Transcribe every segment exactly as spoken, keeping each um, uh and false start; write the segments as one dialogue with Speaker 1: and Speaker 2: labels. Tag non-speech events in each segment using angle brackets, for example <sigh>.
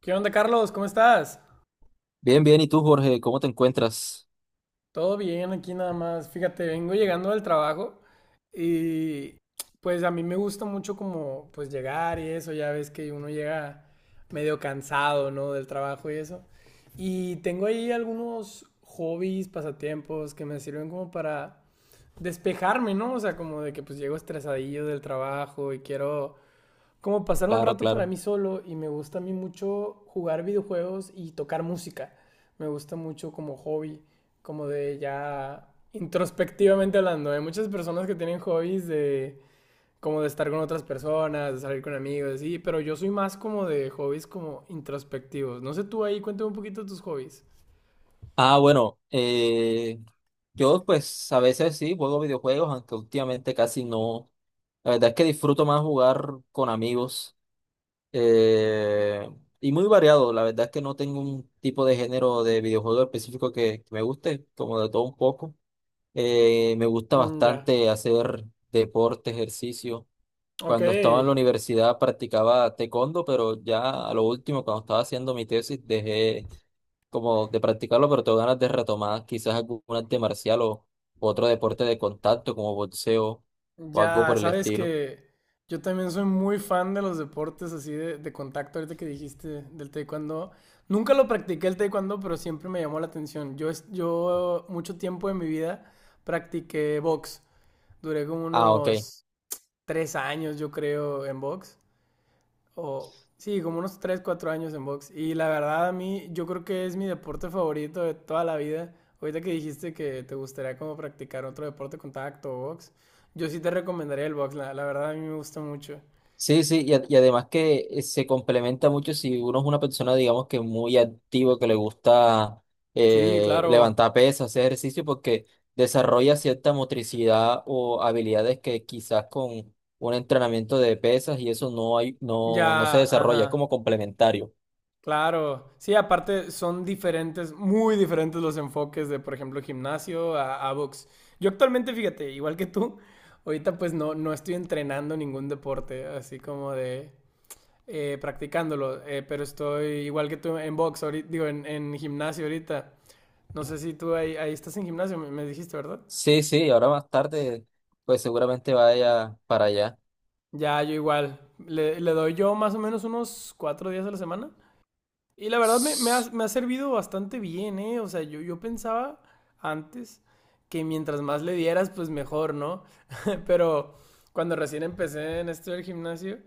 Speaker 1: ¿Qué onda, Carlos? ¿Cómo estás?
Speaker 2: Bien, bien. ¿Y tú, Jorge, cómo te encuentras?
Speaker 1: Todo bien aquí nada más. Fíjate, vengo llegando del trabajo y pues a mí me gusta mucho como pues llegar y eso, ya ves que uno llega medio cansado, ¿no? Del trabajo y eso. Y tengo ahí algunos hobbies, pasatiempos que me sirven como para despejarme, ¿no? O sea, como de que pues llego estresadillo del trabajo y quiero como pasar un
Speaker 2: Claro,
Speaker 1: rato para
Speaker 2: claro.
Speaker 1: mí solo y me gusta a mí mucho jugar videojuegos y tocar música. Me gusta mucho como hobby, como de ya introspectivamente hablando. Hay muchas personas que tienen hobbies de como de estar con otras personas, de salir con amigos, así, pero yo soy más como de hobbies como introspectivos. No sé tú ahí, cuéntame un poquito de tus hobbies.
Speaker 2: Ah, bueno, eh, yo pues a veces sí juego videojuegos, aunque últimamente casi no. La verdad es que disfruto más jugar con amigos eh, y muy variado. La verdad es que no tengo un tipo de género de videojuego específico que, que me guste, como de todo un poco. Eh, me gusta
Speaker 1: Mm, ya.
Speaker 2: bastante hacer deporte, ejercicio.
Speaker 1: Ok,
Speaker 2: Cuando estaba en la universidad practicaba taekwondo, pero ya a lo último, cuando estaba haciendo mi tesis, dejé como de practicarlo, pero tengo ganas de retomar quizás algún arte marcial o otro deporte de contacto como boxeo o algo
Speaker 1: ya,
Speaker 2: por el
Speaker 1: sabes
Speaker 2: estilo.
Speaker 1: que yo también soy muy fan de los deportes así de, de contacto, ahorita que dijiste del taekwondo. Nunca lo practiqué el taekwondo, pero siempre me llamó la atención. Yo, es- yo mucho tiempo de mi vida practiqué box. Duré como
Speaker 2: Ah, ok.
Speaker 1: unos tres años, yo creo, en box. O, sí, como unos tres cuatro años en box. Y la verdad, a mí, yo creo que es mi deporte favorito de toda la vida. Ahorita que dijiste que te gustaría como practicar otro deporte contacto o box, yo sí te recomendaría el box, la, la verdad a mí me gusta mucho.
Speaker 2: Sí, sí, y, a- y además que eh, se complementa mucho si uno es una persona, digamos que muy activo, que le gusta
Speaker 1: Sí,
Speaker 2: eh,
Speaker 1: claro.
Speaker 2: levantar pesas, hacer ejercicio, porque desarrolla cierta motricidad o habilidades que quizás con un entrenamiento de pesas y eso no hay,
Speaker 1: Ya,
Speaker 2: no, no se desarrolla, es
Speaker 1: ajá,
Speaker 2: como complementario.
Speaker 1: claro. Sí, aparte son diferentes, muy diferentes los enfoques de, por ejemplo, gimnasio a, a box. Yo actualmente, fíjate, igual que tú, ahorita pues no, no estoy entrenando ningún deporte, así como de eh, practicándolo, eh, pero estoy igual que tú en box, ahorita, digo, en, en gimnasio ahorita. No sé si tú ahí, ahí estás en gimnasio, me, me dijiste, ¿verdad?
Speaker 2: Sí, sí, ahora más tarde, pues seguramente vaya para allá.
Speaker 1: Ya, yo igual. Le, le doy yo más o menos unos cuatro días a la semana. Y la verdad me, me ha, me ha servido bastante bien, ¿eh? O sea, yo, yo pensaba antes que mientras más le dieras, pues mejor, ¿no? <laughs> Pero cuando recién empecé en esto del gimnasio,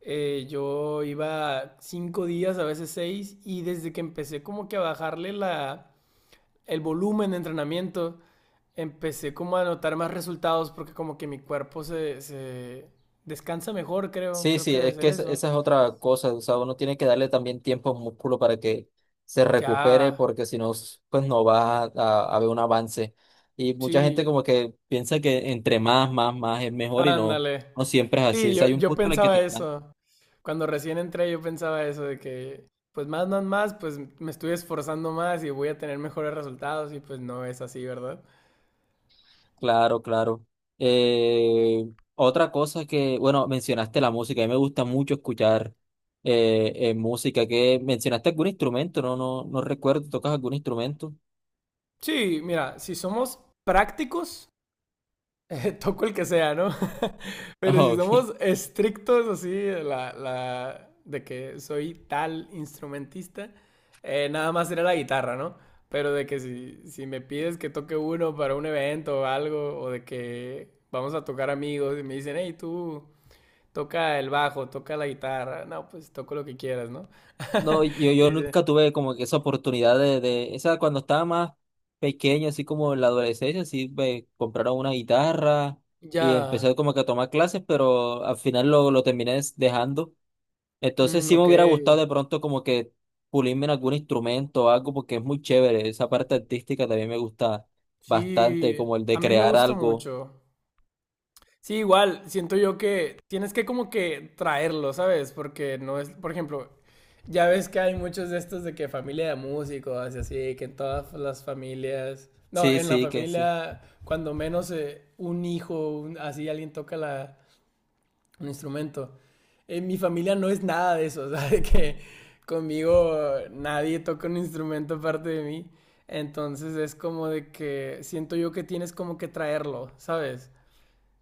Speaker 1: eh, yo iba cinco días, a veces seis, y desde que empecé como que a bajarle la, el volumen de entrenamiento, empecé como a notar más resultados porque como que mi cuerpo se, se descansa mejor, creo,
Speaker 2: Sí,
Speaker 1: creo
Speaker 2: sí,
Speaker 1: que debe
Speaker 2: es que
Speaker 1: ser
Speaker 2: es-
Speaker 1: eso.
Speaker 2: esa es otra cosa, o sea, uno tiene que darle también tiempo al músculo para que se recupere,
Speaker 1: Ya,
Speaker 2: porque si no, s- pues no va a, a haber un avance. Y mucha gente
Speaker 1: sí,
Speaker 2: como que piensa que entre más, más, más es mejor y no,
Speaker 1: ándale.
Speaker 2: no siempre es así.
Speaker 1: Sí,
Speaker 2: O sea,
Speaker 1: yo,
Speaker 2: hay un
Speaker 1: yo
Speaker 2: punto en el que
Speaker 1: pensaba
Speaker 2: te están...
Speaker 1: eso. Cuando recién entré yo pensaba eso de que, pues más, más, más, pues me estoy esforzando más y voy a tener mejores resultados y pues no es así, ¿verdad?
Speaker 2: Claro, claro. Eh, Otra cosa que, bueno, mencionaste la música, a mí me gusta mucho escuchar eh, eh, música, que mencionaste algún instrumento, no, no, no recuerdo, ¿tocas algún instrumento? <laughs>
Speaker 1: Sí, mira, si somos prácticos, <laughs> Eh, toco el que sea, ¿no? <laughs> Pero
Speaker 2: Ah,
Speaker 1: si
Speaker 2: ok.
Speaker 1: somos estrictos así, la, la, de que soy tal instrumentista, eh, nada más sería la guitarra, ¿no? Pero de que si, si me pides que toque uno para un evento o algo, o de que vamos a tocar amigos y me dicen, hey, tú toca el bajo, toca la guitarra, no, pues toco lo que quieras, ¿no?
Speaker 2: No,
Speaker 1: <laughs>
Speaker 2: yo,
Speaker 1: Y
Speaker 2: yo
Speaker 1: dice,
Speaker 2: nunca tuve como que esa oportunidad de, de, esa cuando estaba más pequeño, así como en la adolescencia, así me compraron una guitarra y
Speaker 1: ya,
Speaker 2: empecé como que a tomar clases, pero al final lo, lo terminé des- dejando. Entonces
Speaker 1: mm,
Speaker 2: sí me
Speaker 1: ok,
Speaker 2: hubiera gustado de pronto como que pulirme en algún instrumento o algo, porque es muy chévere, esa parte artística también me gusta bastante,
Speaker 1: sí,
Speaker 2: como el
Speaker 1: a
Speaker 2: de
Speaker 1: mí me
Speaker 2: crear
Speaker 1: gusta
Speaker 2: algo.
Speaker 1: mucho. Sí, igual, siento yo que tienes que como que traerlo, ¿sabes? Porque no es, por ejemplo, ya ves que hay muchos de estos de que familia de músicos y así, que en todas las familias, no,
Speaker 2: Sí,
Speaker 1: en la
Speaker 2: sí, que sí.
Speaker 1: familia, cuando menos eh, un hijo, un- así alguien toca la, un instrumento. En mi familia no es nada de eso, <laughs> ¿sabes? De que conmigo nadie toca un instrumento aparte de mí. Entonces es como de que siento yo que tienes como que traerlo, ¿sabes?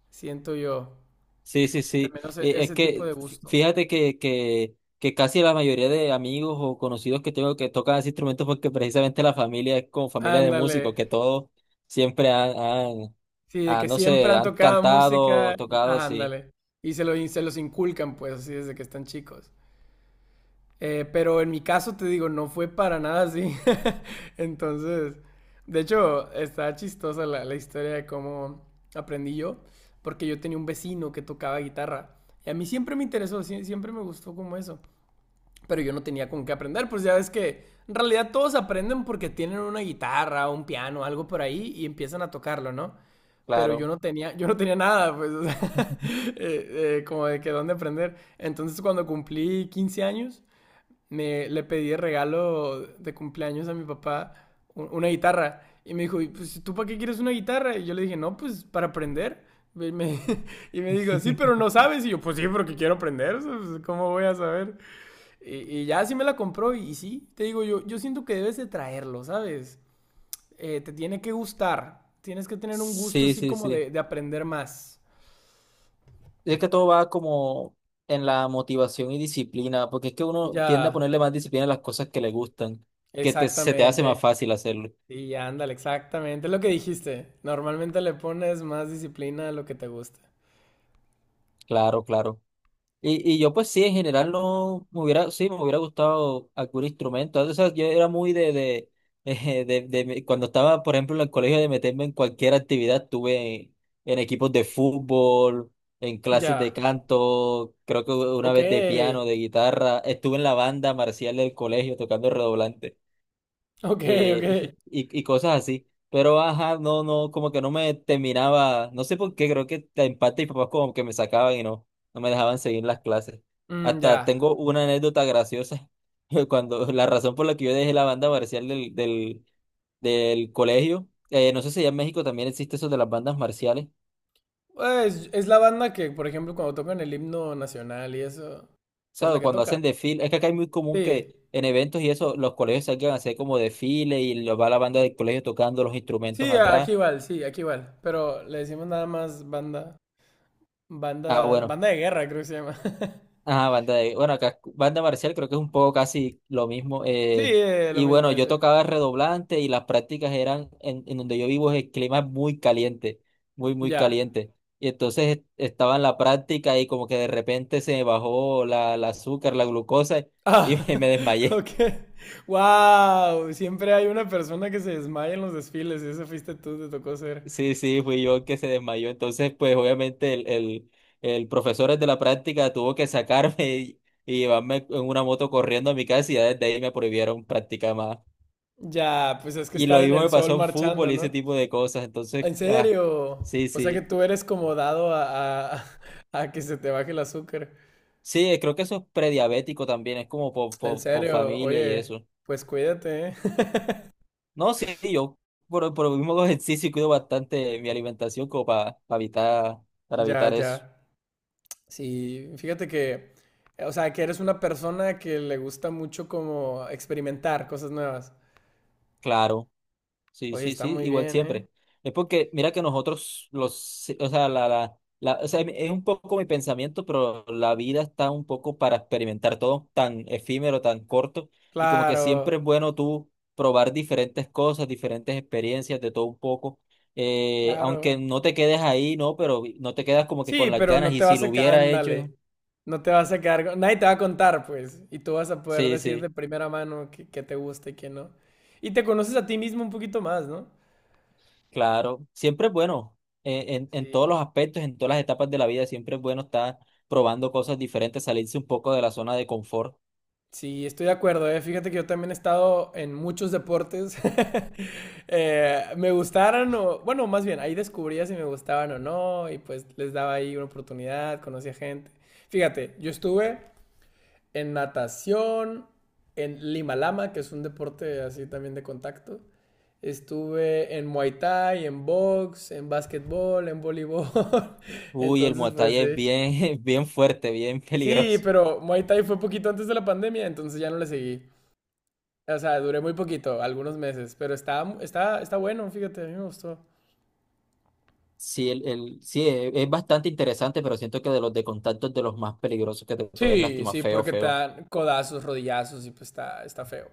Speaker 1: Siento yo.
Speaker 2: Sí, sí,
Speaker 1: Al
Speaker 2: sí.
Speaker 1: menos e-
Speaker 2: Eh, Es
Speaker 1: ese tipo
Speaker 2: que
Speaker 1: de
Speaker 2: fí-
Speaker 1: gusto.
Speaker 2: fíjate que, que, que casi la mayoría de amigos o conocidos que tengo que tocan ese instrumento porque precisamente la familia es como familia de
Speaker 1: Ándale.
Speaker 2: músicos, que todos siempre han, han,
Speaker 1: Sí, de
Speaker 2: han,
Speaker 1: que
Speaker 2: no
Speaker 1: siempre
Speaker 2: sé,
Speaker 1: han
Speaker 2: han
Speaker 1: tocado música.
Speaker 2: cantado, tocado,
Speaker 1: Ah,
Speaker 2: sí,
Speaker 1: ándale. Y se lo, y se los inculcan, pues, así desde que están chicos. Eh, pero en mi caso, te digo, no fue para nada así. <laughs> Entonces, de hecho, está chistosa la, la historia de cómo aprendí yo. Porque yo tenía un vecino que tocaba guitarra. Y a mí siempre me interesó, sie- siempre me gustó como eso. Pero yo no tenía con qué aprender, pues ya ves que en realidad todos aprenden porque tienen una guitarra, un piano, algo por ahí y empiezan a tocarlo, ¿no? Pero yo
Speaker 2: claro.
Speaker 1: no tenía, yo no tenía nada, pues, o sea, <laughs> eh, eh, como de que dónde aprender. Entonces cuando cumplí quince años, me, le pedí de regalo de cumpleaños a mi papá u- una guitarra. Y me dijo, "Y, pues, ¿tú para qué quieres una guitarra?" Y yo le dije, no, pues para aprender. Y me, <laughs> y me dijo, sí, pero no
Speaker 2: <laughs>
Speaker 1: sabes. Y yo, pues sí, porque quiero aprender. O sea, pues, ¿cómo voy a saber? Y, y ya sí me la compró y, y, sí, te digo yo, yo siento que debes de traerlo, ¿sabes? Eh, te tiene que gustar, tienes que tener un gusto
Speaker 2: Sí,
Speaker 1: así
Speaker 2: sí,
Speaker 1: como
Speaker 2: sí.
Speaker 1: de, de aprender más.
Speaker 2: Es que todo va como en la motivación y disciplina, porque es que uno tiende a
Speaker 1: Ya,
Speaker 2: ponerle más disciplina a las cosas que le gustan, que te- se te hace más
Speaker 1: exactamente.
Speaker 2: fácil hacerlo.
Speaker 1: Sí, ándale, exactamente, es lo que dijiste. Normalmente le pones más disciplina a lo que te gusta.
Speaker 2: Claro, claro. Y, y yo pues sí, en general no me hubiera, sí, me hubiera gustado algún instrumento. O sea, yo era muy de, de, <laughs> eh, de, de- me- cuando estaba, por ejemplo, en el colegio de meterme en cualquier actividad, estuve en, en equipos de fútbol, en clases de
Speaker 1: Ya,
Speaker 2: canto, creo que una
Speaker 1: ok,
Speaker 2: vez de piano, de guitarra, estuve en la banda marcial del colegio tocando redoblante
Speaker 1: ok, ok.
Speaker 2: eh, <laughs> y, y cosas así. Pero ajá, no, no, como que no me terminaba, no sé por qué, creo que en parte mis papás como que me sacaban y no, no me dejaban seguir las clases.
Speaker 1: Mm,
Speaker 2: Hasta
Speaker 1: ya.
Speaker 2: tengo una anécdota graciosa, <laughs> cuando la razón por la que yo dejé la banda marcial del, del, del colegio, eh, no sé si allá en México también existe eso de las bandas marciales,
Speaker 1: Pues es la banda que, por ejemplo, cuando tocan el himno nacional y eso, es la
Speaker 2: ¿sabes?
Speaker 1: que
Speaker 2: Cuando
Speaker 1: toca.
Speaker 2: hacen desfile, es que acá es muy común
Speaker 1: Sí.
Speaker 2: que en eventos y eso, los colegios salgan a hacer como desfile y los va la banda del colegio tocando los instrumentos
Speaker 1: Sí, a-
Speaker 2: atrás.
Speaker 1: aquí igual, sí, aquí igual. Pero le decimos nada más banda,
Speaker 2: Ah,
Speaker 1: banda,
Speaker 2: bueno.
Speaker 1: banda de guerra, creo que se llama. <laughs>
Speaker 2: Ajá, banda de, bueno, acá, banda marcial creo que es un poco casi lo mismo.
Speaker 1: Sí,
Speaker 2: Eh,
Speaker 1: eh, lo
Speaker 2: y
Speaker 1: mismo
Speaker 2: bueno,
Speaker 1: de
Speaker 2: yo
Speaker 1: ser.
Speaker 2: tocaba redoblante y las prácticas eran en, en donde yo vivo es el clima es muy caliente, muy, muy
Speaker 1: Ya.
Speaker 2: caliente. Y entonces est- estaba en la práctica y como que de repente se me bajó la, la azúcar, la glucosa
Speaker 1: Ah,
Speaker 2: y <laughs> me, me
Speaker 1: <laughs>
Speaker 2: desmayé.
Speaker 1: ok. Wow, siempre hay una persona que se desmaya en los desfiles y eso fuiste tú, te tocó ser.
Speaker 2: Sí, sí, fui yo el que se desmayó. Entonces, pues obviamente el, el, el profesor de la práctica tuvo que sacarme <laughs> y, y llevarme en una moto corriendo a mi casa y ya desde ahí me prohibieron practicar más.
Speaker 1: Ya, pues es que
Speaker 2: Y
Speaker 1: estar
Speaker 2: lo
Speaker 1: en
Speaker 2: mismo
Speaker 1: el
Speaker 2: me
Speaker 1: sol
Speaker 2: pasó en fútbol
Speaker 1: marchando,
Speaker 2: y ese
Speaker 1: ¿no?
Speaker 2: tipo de cosas. Entonces,
Speaker 1: En
Speaker 2: ah,
Speaker 1: serio.
Speaker 2: sí,
Speaker 1: O sea que
Speaker 2: sí.
Speaker 1: tú eres como dado a, a, <laughs> a que se te baje el azúcar.
Speaker 2: Sí, eh, creo que eso es prediabético también, es como por,
Speaker 1: En
Speaker 2: por, por
Speaker 1: serio,
Speaker 2: familia y
Speaker 1: oye,
Speaker 2: eso.
Speaker 1: pues cuídate, ¿eh? <laughs>
Speaker 2: No, sí, yo por, por el mismo <laughs> hago ejercicio y cuido bastante mi alimentación como para, para evitar, para
Speaker 1: Ya,
Speaker 2: evitar eso.
Speaker 1: ya. Sí, fíjate que, o sea, que eres una persona que le gusta mucho como experimentar cosas nuevas.
Speaker 2: Claro. Sí,
Speaker 1: Oye,
Speaker 2: sí,
Speaker 1: está
Speaker 2: sí,
Speaker 1: muy
Speaker 2: igual
Speaker 1: bien, ¿eh?
Speaker 2: siempre. Es porque, mira que nosotros, los, sí, o sea, la, la, la- o sea, es un poco mi pensamiento, pero la vida está un poco para experimentar todo tan efímero, tan corto, y como que siempre es
Speaker 1: Claro,
Speaker 2: bueno tú probar diferentes cosas, diferentes experiencias, de todo un poco, eh, aunque
Speaker 1: claro.
Speaker 2: no te quedes ahí, ¿no? Pero no te quedas como que
Speaker 1: Sí,
Speaker 2: con las
Speaker 1: pero
Speaker 2: ganas,
Speaker 1: no
Speaker 2: y
Speaker 1: te
Speaker 2: si
Speaker 1: vas
Speaker 2: lo
Speaker 1: a... ca-
Speaker 2: hubiera hecho,
Speaker 1: ándale, no te vas a quedar, con- nadie te va a contar, pues, y tú vas a poder
Speaker 2: sí,
Speaker 1: decir de
Speaker 2: sí.
Speaker 1: primera mano qué qué te gusta y qué no. Y te conoces a ti mismo un poquito más, ¿no?
Speaker 2: Claro, siempre es bueno, eh, en, en todos
Speaker 1: Sí.
Speaker 2: los aspectos, en todas las etapas de la vida, siempre es bueno estar probando cosas diferentes, salirse un poco de la zona de confort.
Speaker 1: Sí, estoy de acuerdo, ¿eh? Fíjate que yo también he estado en muchos deportes. <laughs> Eh, me gustaron o, bueno, más bien, ahí descubría si me gustaban o no y pues les daba ahí una oportunidad, conocía gente. Fíjate, yo estuve en natación, en Lima Lama, que es un deporte así también de contacto. Estuve en Muay Thai, en box, en básquetbol, en voleibol. <laughs>
Speaker 2: Uy, el
Speaker 1: Entonces,
Speaker 2: Muay
Speaker 1: pues
Speaker 2: Thai es
Speaker 1: sí.
Speaker 2: bien, <laughs> bien fuerte, bien
Speaker 1: Sí,
Speaker 2: peligroso.
Speaker 1: pero Muay Thai fue poquito antes de la pandemia, entonces ya no le seguí. O sea, duré muy poquito, algunos meses, pero está, está, está bueno, fíjate, a mí me gustó.
Speaker 2: Sí, el, el- sí, e- es bastante interesante, pero siento que de los de contacto es de los más peligrosos que te puedes
Speaker 1: Sí,
Speaker 2: lastimar
Speaker 1: sí,
Speaker 2: feo,
Speaker 1: porque te
Speaker 2: feo.
Speaker 1: dan codazos, rodillazos y pues está, está feo.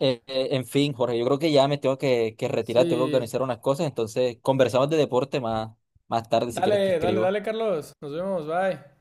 Speaker 2: Eh, eh, en fin, Jorge, yo creo que ya me tengo que, que retirar, tengo que
Speaker 1: Sí.
Speaker 2: organizar unas cosas, entonces conversamos de deporte más, más tarde si quieres te
Speaker 1: Dale, dale,
Speaker 2: escribo.
Speaker 1: dale, Carlos. Nos vemos, bye.